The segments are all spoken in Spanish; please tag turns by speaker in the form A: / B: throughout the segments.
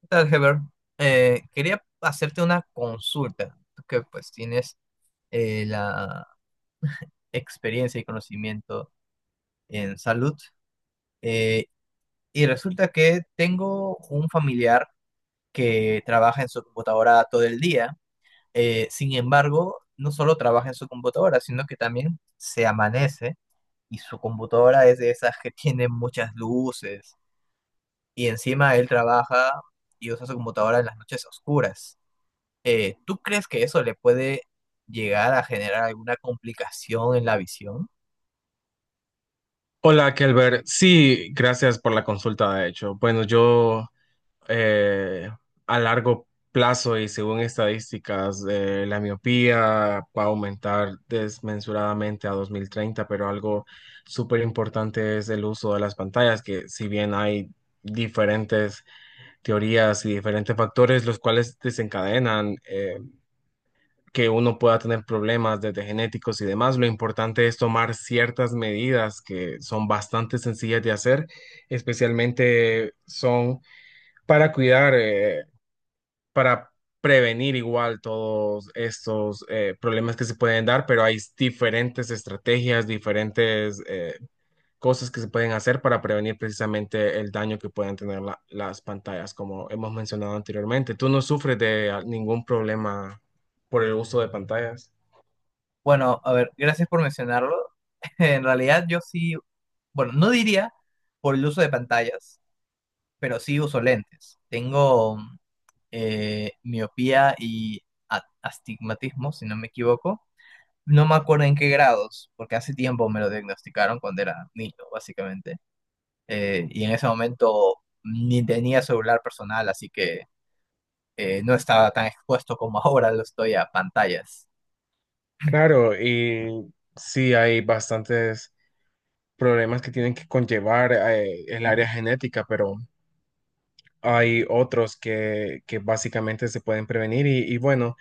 A: ¿Qué tal, Heber? Quería hacerte una consulta, tú que pues tienes la experiencia y conocimiento en salud. eh, y resulta que tengo un familiar que trabaja en su computadora todo el día. Sin embargo, no solo trabaja en su computadora, sino que también se amanece y su computadora es de esas que tiene muchas luces. Y encima él trabaja y usa su computadora en las noches oscuras. ¿Tú crees que eso le puede llegar a generar alguna complicación en la visión?
B: Hola, Kelber. Sí, gracias por la consulta, de hecho. Bueno, yo eh, a largo plazo y según estadísticas, la miopía va a aumentar desmesuradamente a 2030, pero algo súper importante es el uso de las pantallas, que si bien hay diferentes teorías y diferentes factores los cuales desencadenan que uno pueda tener problemas desde genéticos y demás. Lo importante es tomar ciertas medidas que son bastante sencillas de hacer, especialmente son para cuidar, para prevenir igual todos estos problemas que se pueden dar, pero hay diferentes estrategias, diferentes cosas que se pueden hacer para prevenir precisamente el daño que puedan tener las pantallas, como hemos mencionado anteriormente. ¿Tú no sufres de ningún problema por el uso de pantallas?
A: Bueno, a ver, gracias por mencionarlo. En realidad yo sí, bueno, no diría por el uso de pantallas, pero sí uso lentes. Tengo miopía y astigmatismo, si no me equivoco. No me acuerdo en qué grados, porque hace tiempo me lo diagnosticaron cuando era niño, básicamente. Y en ese momento ni tenía celular personal, así que no estaba tan expuesto como ahora lo estoy a pantallas.
B: Claro, y sí hay bastantes problemas que tienen que conllevar el área genética, pero hay otros que básicamente se pueden prevenir y bueno,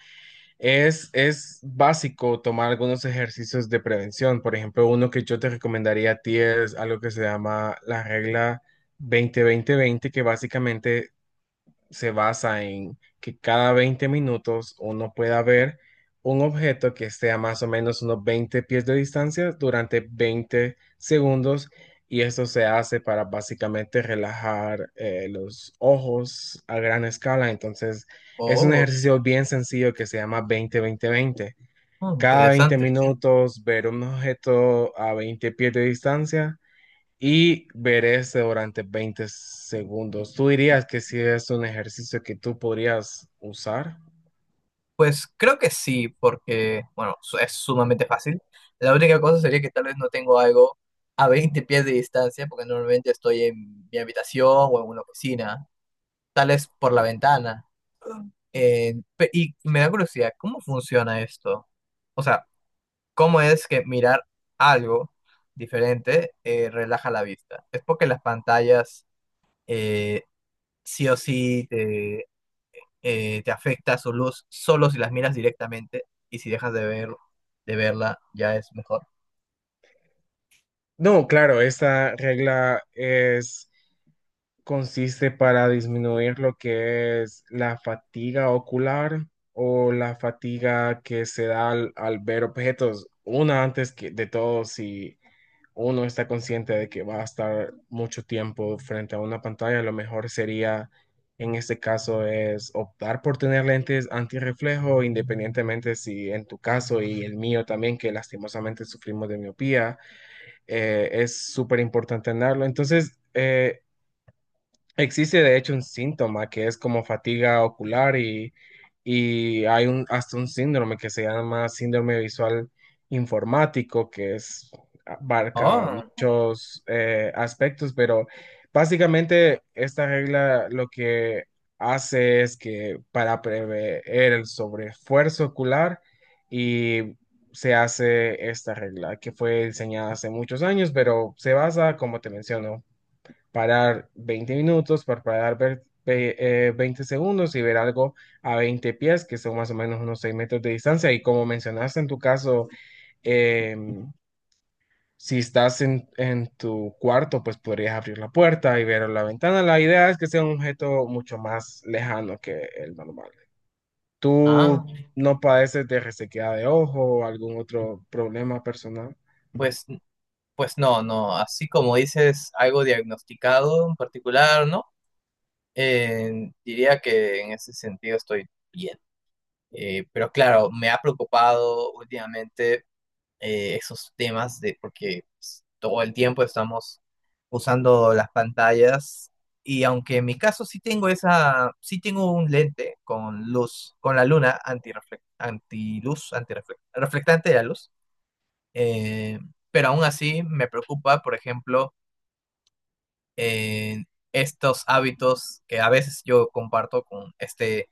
B: es básico tomar algunos ejercicios de prevención. Por ejemplo, uno que yo te recomendaría a ti es algo que se llama la regla 20-20-20, que básicamente se basa en que cada 20 minutos uno pueda ver un objeto que esté a más o menos unos 20 pies de distancia durante 20 segundos, y esto se hace para básicamente relajar los ojos a gran escala. Entonces es un
A: Oh,
B: ejercicio bien sencillo que se llama 20-20-20.
A: mm,
B: Cada 20
A: interesante.
B: minutos ver un objeto a 20 pies de distancia y verese durante 20 segundos. ¿Tú dirías que si es un ejercicio que tú podrías usar?
A: Pues creo que sí, porque, bueno, es sumamente fácil. La única cosa sería que tal vez no tengo algo a 20 pies de distancia, porque normalmente estoy en mi habitación o en una oficina, tal vez por la ventana. Y me da curiosidad, ¿cómo funciona esto? O sea, ¿cómo es que mirar algo diferente relaja la vista? ¿Es porque las pantallas eh, sí o sí te afecta su luz solo si las miras directamente y si de verla ya es mejor.
B: No, claro, esta regla es, consiste para disminuir lo que es la fatiga ocular o la fatiga que se da al ver objetos. Una antes que de todo, si uno está consciente de que va a estar mucho tiempo frente a una pantalla, lo mejor sería, en este caso, es optar por tener lentes antirreflejo, independientemente si en tu caso y el mío también, que lastimosamente sufrimos de miopía, es súper importante tenerlo. Entonces, existe de hecho un síntoma que es como fatiga ocular y hay hasta un síndrome que se llama síndrome visual informático, que es, abarca
A: Oh,
B: muchos aspectos, pero básicamente esta regla lo que hace es que para prever el sobreesfuerzo ocular, y se hace esta regla que fue diseñada hace muchos años, pero se basa, como te menciono, parar 20 minutos, parpadear 20 segundos y ver algo a 20 pies, que son más o menos unos 6 metros de distancia. Y como mencionaste en tu caso, em, si estás en tu cuarto, pues podrías abrir la puerta y ver la ventana. La idea es que sea un objeto mucho más lejano que el normal.
A: ah,
B: ¿Tú no padeces de resequedad de ojo o algún otro problema personal?
A: pues, pues no, no, así como dices algo diagnosticado en particular, ¿no? Diría que en ese sentido estoy bien. Pero claro, me ha preocupado últimamente esos temas de porque pues, todo el tiempo estamos usando las pantallas y aunque en mi caso sí tengo un lente con luz, con la luna antiluz, reflectante de la luz, eh, pero aún así me preocupa, por ejemplo, eh, estos hábitos que a veces yo comparto con este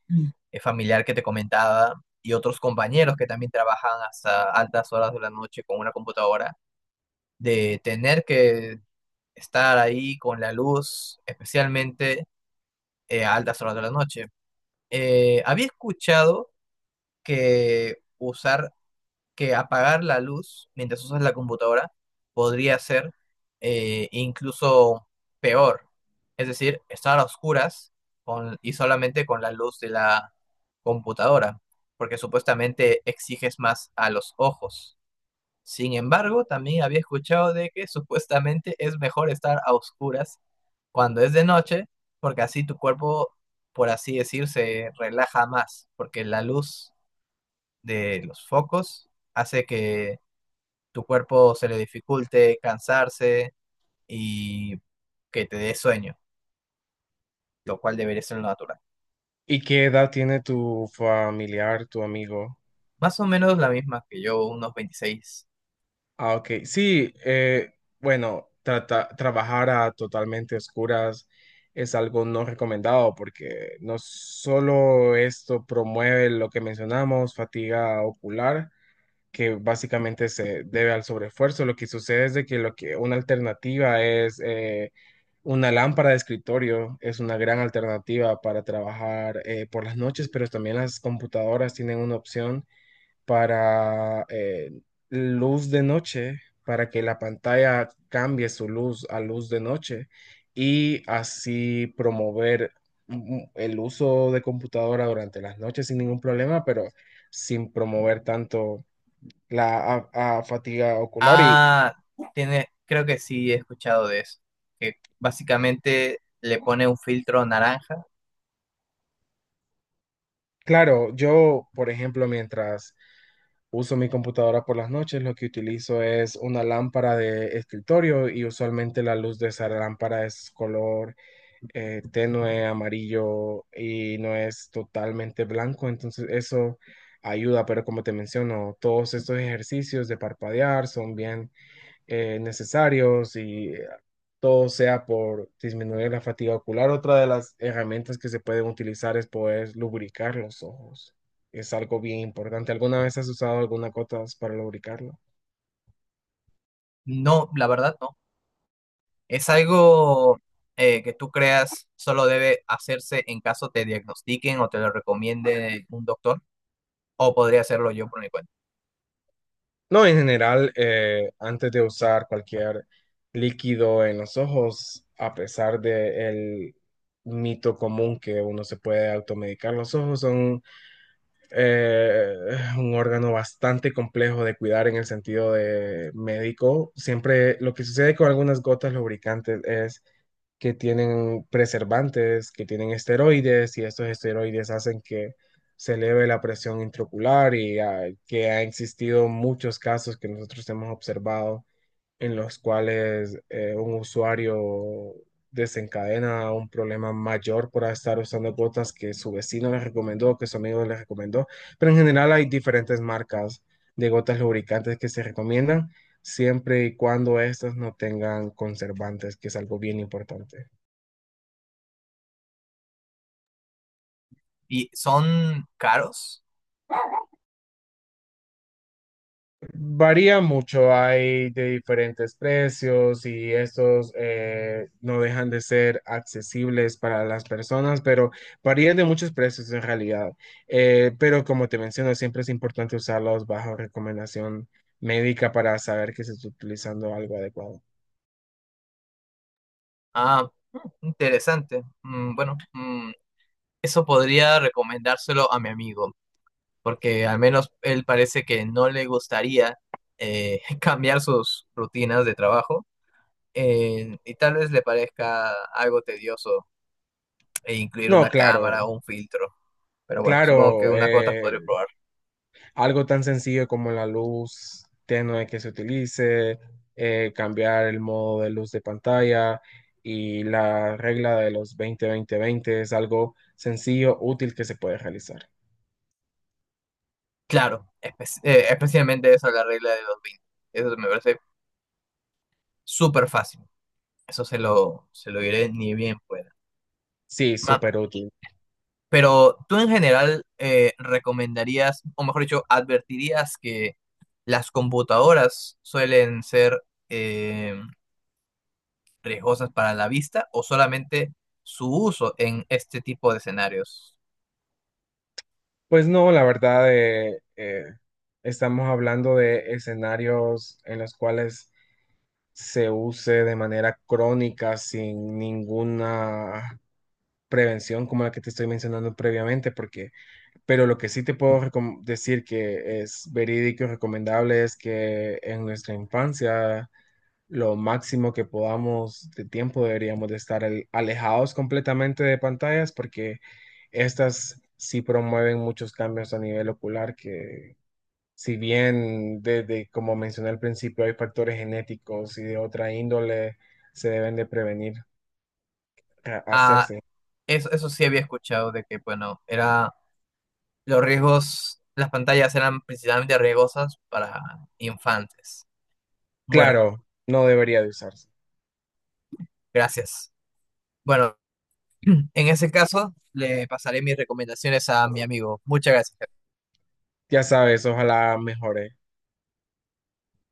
A: familiar que te comentaba y otros compañeros que también trabajan hasta altas horas de la noche con una computadora de tener que estar ahí con la luz, especialmente a altas horas de la noche. Había escuchado que usar, que apagar la luz mientras usas la computadora podría ser incluso peor. Es decir, estar a oscuras y solamente con la luz de la computadora, porque supuestamente exiges más a los ojos. Sin embargo, también había escuchado de que supuestamente es mejor estar a oscuras cuando es de noche, porque así tu cuerpo, por así decir, se relaja más, porque la luz de los focos hace que tu cuerpo se le dificulte cansarse y que te dé sueño, lo cual debería ser lo natural.
B: ¿Y qué edad tiene tu familiar, tu amigo?
A: Más o menos la misma que yo, unos 26.
B: Ah, ok. Sí, bueno, trabajar a totalmente oscuras es algo no recomendado porque no solo esto promueve lo que mencionamos, fatiga ocular, que básicamente se debe al sobreesfuerzo. Lo que sucede es de que, lo que una alternativa es, una lámpara de escritorio es una gran alternativa para trabajar por las noches, pero también las computadoras tienen una opción para luz de noche, para que la pantalla cambie su luz a luz de noche y así promover, el uso de computadora durante las noches sin ningún problema, pero sin promover tanto la a fatiga ocular. Y
A: Ah, tiene, creo que sí he escuchado de eso, que básicamente le pone un filtro naranja.
B: claro, yo, por ejemplo, uso mi computadora por las noches, lo que utilizo es una lámpara de escritorio, y usualmente la luz de esa lámpara es color tenue amarillo y no es totalmente blanco, entonces eso ayuda, pero como te menciono, todos estos ejercicios de parpadear son bien necesarios y todo sea por disminuir la fatiga ocular. Otra de las herramientas que se pueden utilizar es poder lubricar los ojos. Es algo bien importante. ¿Alguna vez has usado alguna cosa para lubricarlo?
A: No, la verdad no. Es algo que tú creas solo debe hacerse en caso te diagnostiquen o te lo recomiende un doctor, o podría hacerlo yo por mi cuenta.
B: No, en general, antes de usar cualquier líquido en los ojos, a pesar del mito común que uno se puede automedicar, los ojos son eh, un órgano bastante complejo de cuidar en el sentido de médico. Siempre lo que sucede con algunas gotas lubricantes es que tienen preservantes, que tienen esteroides, y estos esteroides hacen que se eleve la presión intraocular, y que ha existido muchos casos que nosotros hemos observado, en los cuales un usuario desencadena un problema mayor por estar usando gotas que su vecino le recomendó, que su amigo le recomendó. Pero en general hay diferentes marcas de gotas lubricantes que se recomiendan siempre y cuando estas no tengan conservantes, que es algo bien importante.
A: ¿Y son caros?
B: Varía mucho, hay de diferentes precios y estos no dejan de ser accesibles para las personas, pero varían de muchos precios en realidad. Pero como te menciono, siempre es importante usarlos bajo recomendación médica para saber que se está utilizando algo adecuado.
A: Ah, mm, interesante. Mm, bueno, mm, eso podría recomendárselo a mi amigo, porque al menos él parece que no le gustaría cambiar sus rutinas de trabajo y tal vez le parezca algo tedioso e incluir
B: No,
A: una cámara
B: claro,
A: o un filtro. Pero bueno, supongo que
B: claro,
A: unas cuotas podré probar.
B: algo tan sencillo como la luz tenue que se utilice, cambiar el modo de luz de pantalla y la regla de los 20-20-20 es algo sencillo, útil, que se puede realizar.
A: Claro, especialmente esa la regla de los 20. Eso me parece súper fácil. Se lo diré ni bien pueda.
B: Sí,
A: Ma-
B: súper útil.
A: Pero tú en general recomendarías, o mejor dicho, advertirías que las computadoras suelen ser eh, riesgosas para la vista o solamente su uso en este tipo de escenarios.
B: Pues no, la verdad, estamos hablando de escenarios en los cuales se use de manera crónica sin ninguna prevención como la que te estoy mencionando previamente. Porque Pero lo que sí te puedo decir que es verídico y recomendable es que en nuestra infancia lo máximo que podamos de tiempo deberíamos de estar alejados completamente de pantallas, porque estas sí promueven muchos cambios a nivel ocular que, si bien desde, como mencioné al principio, hay factores genéticos y de otra índole, se deben de prevenir
A: Ah,
B: hacerse.
A: eso sí había escuchado de que, bueno, era los riesgos, las pantallas eran principalmente riesgosas para infantes. Bueno,
B: Claro, no debería de usarse.
A: gracias. En ese caso, le pasaré mis recomendaciones a mi amigo. Muchas gracias.
B: Ya sabes, ojalá mejore.